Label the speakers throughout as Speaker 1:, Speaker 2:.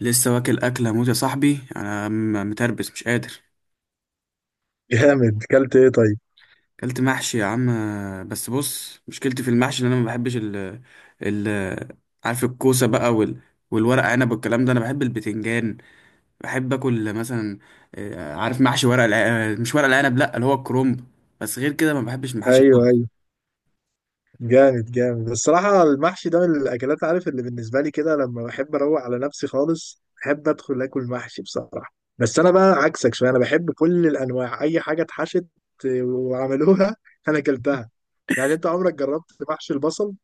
Speaker 1: لسه واكل اكله موت يا صاحبي. انا متربس، مش قادر.
Speaker 2: جامد، كلت ايه طيب؟
Speaker 1: اكلت محشي يا عم. بس بص، مشكلتي في المحشي ان انا ما بحبش ال ال عارف الكوسه بقى والورق عنب والكلام ده. انا بحب البتنجان، بحب اكل مثلا. عارف محشي ورق الع... آه، مش ورق العنب، لا، اللي هو الكرنب. بس غير كده ما بحبش المحاشي
Speaker 2: ايوه
Speaker 1: خالص.
Speaker 2: ايوه، جامد جامد الصراحه. المحشي ده من الاكلات، عارف، اللي بالنسبه لي كده لما بحب اروق على نفسي خالص بحب ادخل اكل محشي بصراحه. بس انا بقى عكسك شويه، انا بحب كل الانواع، اي حاجه اتحشت وعملوها انا اكلتها. يعني انت عمرك جربت محشي البصل؟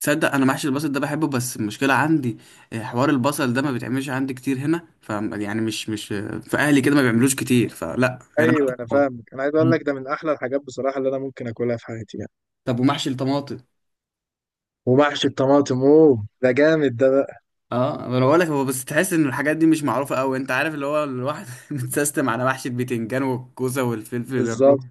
Speaker 1: تصدق انا محشي البصل ده بحبه، بس المشكله عندي حوار البصل ده ما بيتعملش عندي كتير هنا، ف يعني مش في اهلي كده ما بيعملوش كتير، فلا يعني.
Speaker 2: ايوه انا فاهمك، انا عايز اقول
Speaker 1: أنا-
Speaker 2: لك ده من احلى الحاجات بصراحه اللي انا ممكن اكلها في حياتي يعني.
Speaker 1: طب، ومحشي الطماطم؟
Speaker 2: ومحشي الطماطم اوه ده جامد ده بقى.
Speaker 1: اه، ما انا بقول لك. هو بس تحس ان الحاجات دي مش معروفه قوي. انت عارف اللي هو الواحد متسيستم على محشي البتنجان والكوسه والفلفل الروح.
Speaker 2: بالظبط.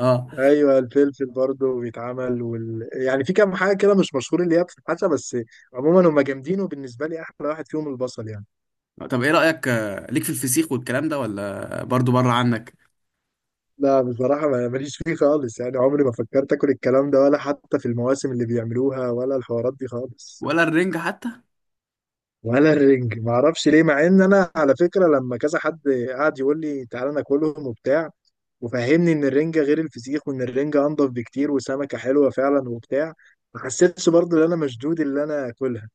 Speaker 1: اه.
Speaker 2: ايوه الفلفل برضه بيتعمل يعني في كام حاجه كده مش مشهور اللي هي بتتحشى بس. عموما هم جامدين، وبالنسبه لي احلى واحد فيهم البصل يعني.
Speaker 1: طب ايه رايك ليك في الفسيخ والكلام ده، ولا برضو بره عنك؟
Speaker 2: لا بصراحه ماليش فيه خالص، يعني عمري ما فكرت اكل الكلام ده ولا حتى في المواسم اللي بيعملوها ولا الحوارات دي خالص.
Speaker 1: ولا الرنجه حتى؟
Speaker 2: ولا الرنج، ما اعرفش ليه، مع ان انا على فكره لما كذا حد قعد يقول لي تعالى ناكلهم وبتاع وفهمني ان الرنجة غير الفسيخ وان الرنجة انضف بكتير وسمكة حلوة فعلا وبتاع، ما حسيتش برضه ان انا مشدود اللي انا اكلها.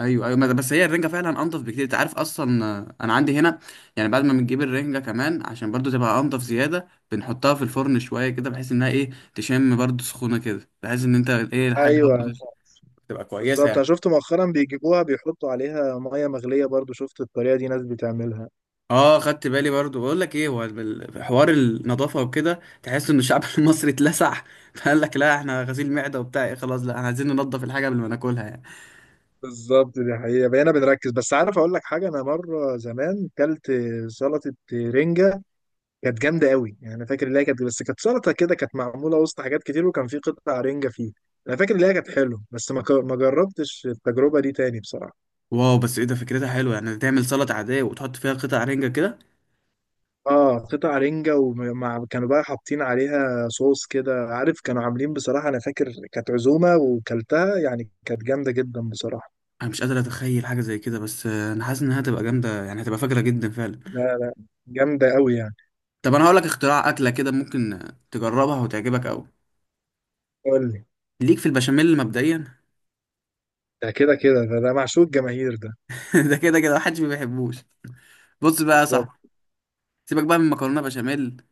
Speaker 1: ايوه، ايوه. ما ده- بس هي الرنجه فعلا انضف بكتير. انت عارف اصلا، انا عندي هنا يعني بعد ما بنجيب الرنجه كمان، عشان برضو تبقى انضف زياده، بنحطها في الفرن شويه كده، بحيث انها ايه، تشم برضو سخونه كده، بحيث ان انت ايه، الحاجه
Speaker 2: ايوه
Speaker 1: برضو تبقى كويسه
Speaker 2: بالظبط، انا
Speaker 1: يعني.
Speaker 2: شفت مؤخرا بيجيبوها بيحطوا عليها ميه مغليه برضو، شفت الطريقه دي ناس بتعملها.
Speaker 1: اه، خدت بالي برضو. بقول لك ايه، هو حوار النظافه وكده، تحس ان الشعب المصري اتلسع، فقال لك لا، احنا غسيل معده وبتاع، ايه خلاص، لا احنا عايزين ننضف الحاجه قبل ما ناكلها يعني.
Speaker 2: بالظبط، دي حقيقة بقينا بنركز. بس عارف اقول لك حاجة، انا مرة زمان كلت سلطة رنجة، كانت جامدة قوي يعني. انا فاكر ان هي كانت، بس كانت سلطة كده، كانت معمولة وسط حاجات كتير وكان في قطع رنجة فيه. انا فاكر ان هي كانت حلوة، بس ما جربتش التجربة دي تاني بصراحة.
Speaker 1: واو، بس ايه ده، فكرتها حلوه يعني، تعمل سلطه عاديه وتحط فيها قطع رنجه كده.
Speaker 2: اه قطع رنجة، ومع كانوا بقى حاطين عليها صوص كده، عارف، كانوا عاملين بصراحة. انا فاكر كانت عزومة وكلتها، يعني كانت جامدة جدا بصراحة.
Speaker 1: انا مش قادر اتخيل حاجه زي كده، بس انا حاسس انها هتبقى جامده يعني، هتبقى فجره جدا فعلا.
Speaker 2: لا لا، جامدة قوي يعني.
Speaker 1: طب انا هقول لك اختراع اكله كده، ممكن تجربها وتعجبك قوي.
Speaker 2: قول لي.
Speaker 1: ليك في البشاميل مبدئيا
Speaker 2: ده كده كده ده معشوق الجماهير ده.
Speaker 1: ده كده كده محدش ما بيحبوش. بص بقى يا
Speaker 2: بالظبط.
Speaker 1: صاحبي، سيبك بقى من مكرونه بشاميل،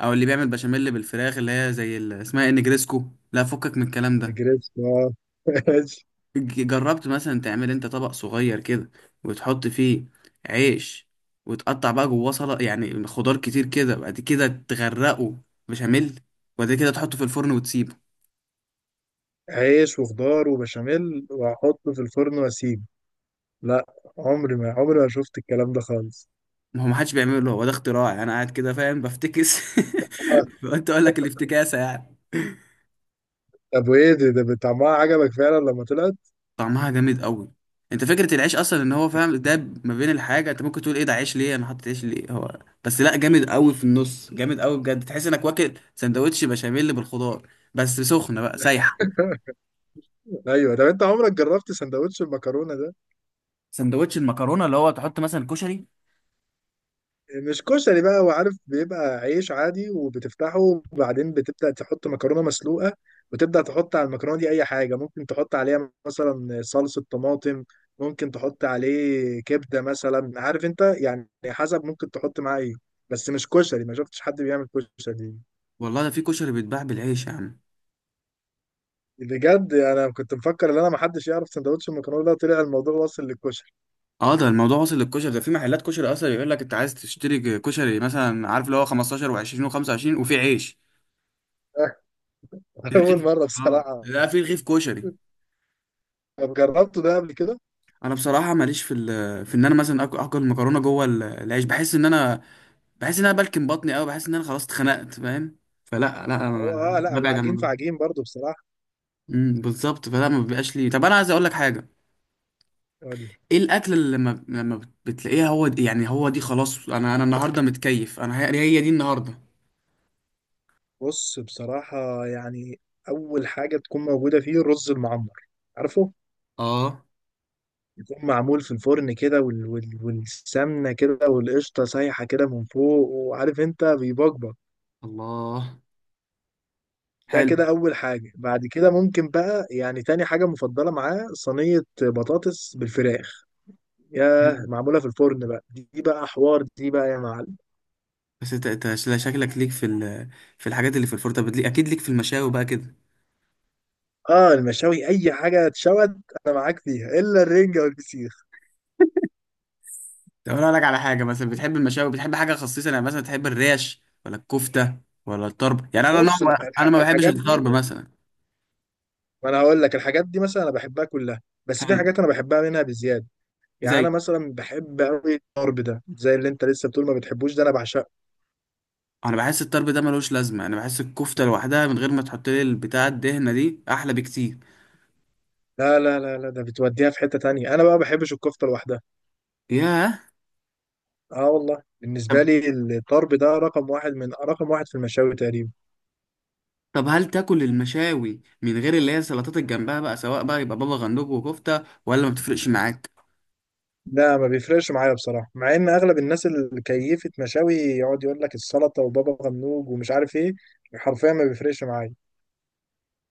Speaker 1: او اللي بيعمل بشاميل بالفراخ اللي هي زي اسمها إيه، نجريسكو. لا، فكك من الكلام ده.
Speaker 2: نجريسكو آه. ماشي.
Speaker 1: جربت مثلا تعمل انت طبق صغير كده، وتحط فيه عيش، وتقطع بقى جواه سلطه يعني خضار كتير كده، بعد كده تغرقه بشاميل، وبعد كده تحطه في الفرن وتسيبه.
Speaker 2: عيش وخضار وبشاميل واحطه في الفرن واسيبه؟ لا، عمري ما شفت الكلام ده خالص.
Speaker 1: ما هو ما حدش بيعمله، هو ده اختراع يعني، انا قاعد كده فاهم بفتكس
Speaker 2: آه.
Speaker 1: قلت اقول لك الافتكاسه يعني.
Speaker 2: طب وايه ده, ده طعمها عجبك فعلا لما طلعت؟
Speaker 1: طعمها جامد قوي. انت فكره العيش اصلا، ان هو فاهم ده ما بين الحاجه، انت ممكن تقول ايه ده، عيش ليه، انا حاطط عيش ليه، هو بس لا، جامد قوي في النص، جامد قوي بجد. تحس انك واكل سندوتش بشاميل بالخضار، بس سخنه بقى سايحه.
Speaker 2: ايوه، طب انت عمرك جربت سندوتش المكرونه ده؟
Speaker 1: سندوتش المكرونه اللي هو تحط مثلا كشري؟
Speaker 2: مش كشري بقى، هو عارف، بيبقى عيش عادي وبتفتحه وبعدين بتبدأ تحط مكرونة مسلوقة، وتبدأ تحط على المكرونة دي أي حاجة ممكن تحط عليها، مثلا صلصة طماطم، ممكن تحط عليه كبدة مثلا، عارف أنت يعني، حسب ممكن تحط معاه إيه. بس مش كشري، ما شفتش حد بيعمل كشري.
Speaker 1: والله ده في كشري بيتباع بالعيش يا عم.
Speaker 2: بجد أنا كنت مفكر إن أنا محدش يعرف سندوتش المكرونة ده، طلع الموضوع واصل للكشري.
Speaker 1: اه، ده الموضوع وصل للكشري، ده في محلات كشري اصلا يقول لك انت عايز تشتري كشري مثلا، عارف اللي هو 15 و20 و25، وفي عيش،
Speaker 2: أول
Speaker 1: رغيف.
Speaker 2: مرة
Speaker 1: اه،
Speaker 2: بصراحة.
Speaker 1: لا، في رغيف كشري.
Speaker 2: طب جربته ده قبل كده؟
Speaker 1: انا بصراحه ماليش في في ان انا مثلا اكل المكرونه جوه العيش. بحس ان انا، بحس ان انا بلكم بطني قوي، بحس ان انا خلاص اتخنقت، فاهم؟ فلا، لا
Speaker 2: هو
Speaker 1: أنا
Speaker 2: اه لا، هو
Speaker 1: ببعد عن
Speaker 2: عجين في
Speaker 1: الموضوع.
Speaker 2: عجين برضه.
Speaker 1: بالظبط، فلا ما بيبقاش لي. طب انا عايز اقول لك حاجه،
Speaker 2: بصراحة،
Speaker 1: ايه الاكل اللي لما بتلاقيها، هو دي يعني، هو دي خلاص، انا النهارده متكيف، انا هي دي النهارده.
Speaker 2: بص بصراحة يعني أول حاجة تكون موجودة فيه الرز المعمر، عارفه؟
Speaker 1: اه،
Speaker 2: يكون معمول في الفرن كده والسمنة كده والقشطة سايحة كده من فوق، وعارف أنت بيبقبق.
Speaker 1: الله،
Speaker 2: ده
Speaker 1: حلو.
Speaker 2: كده أول حاجة. بعد كده ممكن بقى يعني تاني حاجة مفضلة معاه صينية بطاطس بالفراخ،
Speaker 1: حلو.
Speaker 2: ياه معمولة في الفرن بقى، دي بقى حوار، دي بقى يا معلم.
Speaker 1: بس انت شكلك ليك في الحاجات اللي في الفرن. طب اكيد ليك في المشاوي بقى كده.
Speaker 2: اه المشاوي أي حاجة اتشوت، أنا معاك فيها إلا الرنجة والفسيخ.
Speaker 1: طب انا اقول لك على حاجه، مثلا بتحب المشاوي، بتحب حاجه خصيصه يعني، مثلا تحب الريش ولا الكفته ولا الطرب؟ يعني انا
Speaker 2: بص
Speaker 1: نوع، انا ما بحبش
Speaker 2: الحاجات دي،
Speaker 1: الطرب مثلا.
Speaker 2: ما انا هقول لك الحاجات دي مثلا انا بحبها كلها، بس في
Speaker 1: حلو.
Speaker 2: حاجات انا بحبها منها بزياده. يعني انا
Speaker 1: زي،
Speaker 2: مثلا بحب قوي الضرب ده، زي اللي انت لسه بتقول ما بتحبوش، ده انا بعشقه.
Speaker 1: انا بحس الطرب ده ملوش لازمه، انا بحس الكفته لوحدها من غير ما تحط لي البتاع الدهنه دي احلى بكتير.
Speaker 2: لا لا لا لا، ده بتوديها في حته تانية، انا بقى ما بحبش الكفته لوحدها.
Speaker 1: ياه.
Speaker 2: اه والله، بالنسبه
Speaker 1: طب
Speaker 2: لي الضرب ده رقم واحد من رقم واحد في المشاوي تقريبا.
Speaker 1: طب هل تاكل المشاوي من غير اللي هي السلطات اللي جنبها بقى، سواء بقى يبقى بابا غنوج وكفته، ولا ما بتفرقش معاك؟
Speaker 2: لا ما بيفرقش معايا بصراحه، مع ان اغلب الناس اللي كيفت مشاوي يقعد يقول لك السلطه وبابا غنوج ومش عارف ايه، حرفيا ما بيفرقش معايا.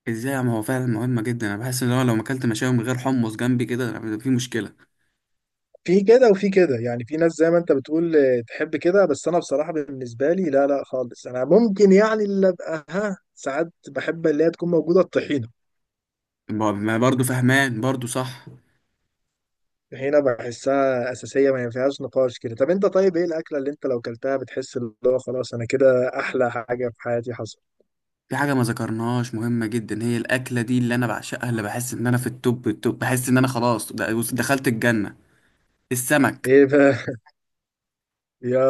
Speaker 1: ازاي، ما هو فعلا مهمه جدا، انا بحس ان هو لو ما اكلت مشاوي من غير حمص جنبي كده، أنا في مشكله.
Speaker 2: في كده وفي كده يعني، في ناس زي ما انت بتقول تحب كده، بس انا بصراحة بالنسبة لي لا لا خالص، انا ممكن يعني اللي ابقى ها ساعات بحب اللي هي تكون موجودة الطحينة.
Speaker 1: ما برضه فهمان برضه، صح.
Speaker 2: الطحينة بحسها أساسية ما فيهاش نقاش كده. طب انت طيب ايه الأكلة اللي انت لو كلتها بتحس اللي هو خلاص انا كده أحلى حاجة في حياتي حصل؟
Speaker 1: في حاجة ما ذكرناهاش مهمة جدا، هي الأكلة دي اللي أنا بعشقها، اللي بحس إن أنا في التوب التوب، بحس إن أنا خلاص، بص، دخلت الجنة. السمك.
Speaker 2: ايه بقى؟ يا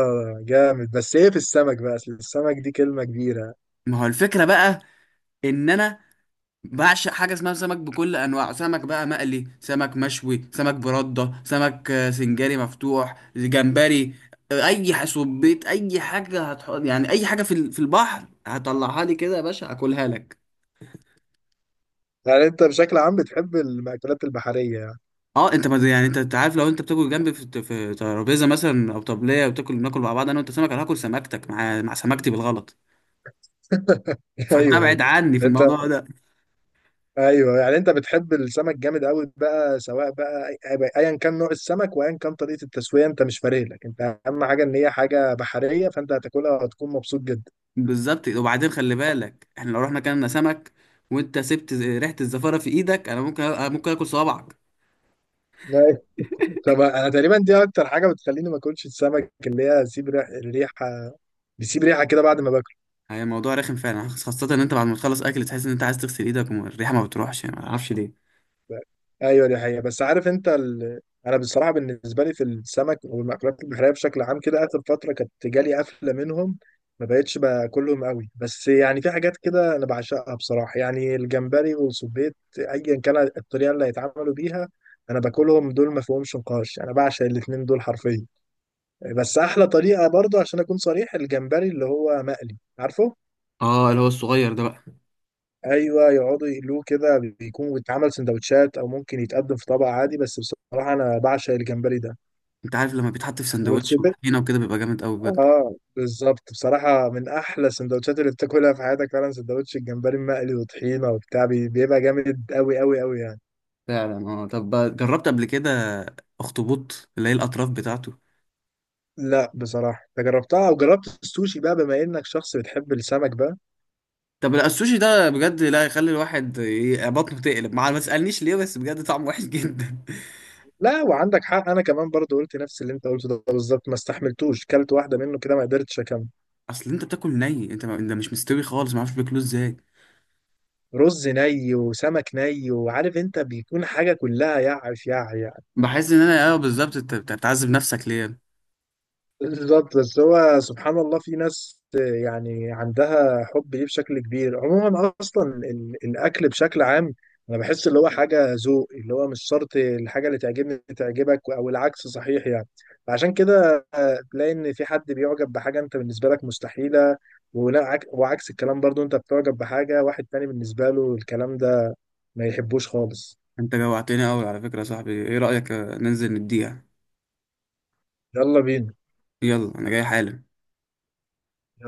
Speaker 2: جامد، بس ايه في السمك بقى، اصل السمك دي كلمة كبيرة.
Speaker 1: ما هو الفكرة بقى، إن أنا بعشق حاجة اسمها سمك، بكل أنواعه. سمك بقى مقلي، سمك مشوي، سمك بردة، سمك سنجاري، مفتوح، جمبري، سبيط، أي حاجة هتحط يعني، أي حاجة في البحر هطلعها لي كده يا باشا أكلها لك.
Speaker 2: يعني انت بشكل عام بتحب المأكولات البحرية يعني؟
Speaker 1: اه، انت ما يعني، أنت عارف، لو انت بتاكل جنبي في ترابيزه مثلا او طبليه وتاكل، ناكل مع بعض انا وانت سمك، انا هاكل سمكتك مع سمكتي بالغلط،
Speaker 2: ايوه
Speaker 1: فتبعد
Speaker 2: ايوه.
Speaker 1: عني في
Speaker 2: انت
Speaker 1: الموضوع ده.
Speaker 2: ايوه يعني انت بتحب السمك جامد قوي بقى، سواء بقى ايا كان نوع السمك وايا كان طريقه التسويه، انت مش فارق لك انت، اهم حاجه ان هي حاجه بحريه فانت هتاكلها وهتكون مبسوط جدا.
Speaker 1: بالظبط. وبعدين خلي بالك، احنا لو رحنا كلنا سمك وانت سبت ريحه الزفاره في ايدك، انا ممكن ممكن اكل صوابعك.
Speaker 2: أيوة. طب انا تقريبا دي اكتر حاجه بتخليني ما اكلش السمك، اللي هي سيب ريحه، بيسيب ريحه كده بعد ما باكله.
Speaker 1: هي موضوع رخم فعلا، خاصه ان انت بعد ما تخلص اكل تحس ان انت عايز تغسل ايدك والريحه ما بتروحش يعني، ما اعرفش ليه.
Speaker 2: ايوه دي حقيقة. بس عارف انت انا بصراحة بالنسبة لي في السمك والمأكولات البحرية بشكل عام كده، اخر فترة كانت جالي قفلة منهم، ما بقتش باكلهم قوي. بس يعني في حاجات كده انا بعشقها بصراحة، يعني الجمبري والسبيط ايا كان الطريقة اللي هيتعملوا بيها، انا باكلهم دول ما فيهمش نقاش، انا بعشق الاتنين دول حرفيا. بس احلى طريقة برضو عشان اكون صريح الجمبري اللي هو مقلي، عارفه؟
Speaker 1: اه، اللي هو الصغير ده بقى.
Speaker 2: ايوه يقعدوا يقلوه كده، بيكون بيتعمل سندوتشات او ممكن يتقدم في طبق عادي، بس بصراحه انا بعشق الجمبري ده.
Speaker 1: انت عارف لما بيتحط في سندوتش
Speaker 2: والسوبيت،
Speaker 1: وطحينه وكده بيبقى جامد قوي.
Speaker 2: اه بالظبط، بصراحه من احلى السندوتشات اللي بتاكلها في حياتك فعلا سندوتش الجمبري المقلي وطحينه وبتاع، بيبقى جامد قوي قوي قوي يعني.
Speaker 1: فعلا. اه، طب جربت قبل كده اخطبوط، اللي هي الاطراف بتاعته؟
Speaker 2: لا بصراحه، انت جربتها، او جربت السوشي بقى بما انك شخص بتحب السمك بقى؟
Speaker 1: طب لا، السوشي ده بجد لا، يخلي الواحد بطنه تقلب، مع ما تسالنيش ليه، بس بجد طعمه وحش جدا.
Speaker 2: لا وعندك حق، انا كمان برضو قلت نفس اللي انت قلته ده بالظبط، ما استحملتوش، كلت واحده منه كده ما قدرتش اكمل.
Speaker 1: اصل انت بتاكل ني، انت مش مستوي خالص، ما اعرفش بياكلوه ازاي.
Speaker 2: رز ني وسمك ني وعارف انت بيكون حاجة كلها يعف يع يعني.
Speaker 1: بحس ان انا، اه بالظبط، انت بتعذب نفسك ليه.
Speaker 2: بالظبط. بس هو سبحان الله في ناس يعني عندها حب ليه بشكل كبير. عموما اصلا الاكل بشكل عام انا بحس اللي هو حاجة ذوق، اللي هو مش شرط الحاجة اللي تعجبني تعجبك او العكس صحيح يعني. فعشان كده تلاقي ان في حد بيعجب بحاجة انت بالنسبة لك مستحيلة، ولا وعكس الكلام برضو انت بتعجب بحاجة واحد تاني بالنسبة له الكلام ده ما يحبوش خالص.
Speaker 1: انت جوعتني قوي على فكره يا صاحبي. ايه رايك ننزل نديها؟
Speaker 2: يلا بينا.
Speaker 1: يلا انا جاي حالا.
Speaker 2: يلا.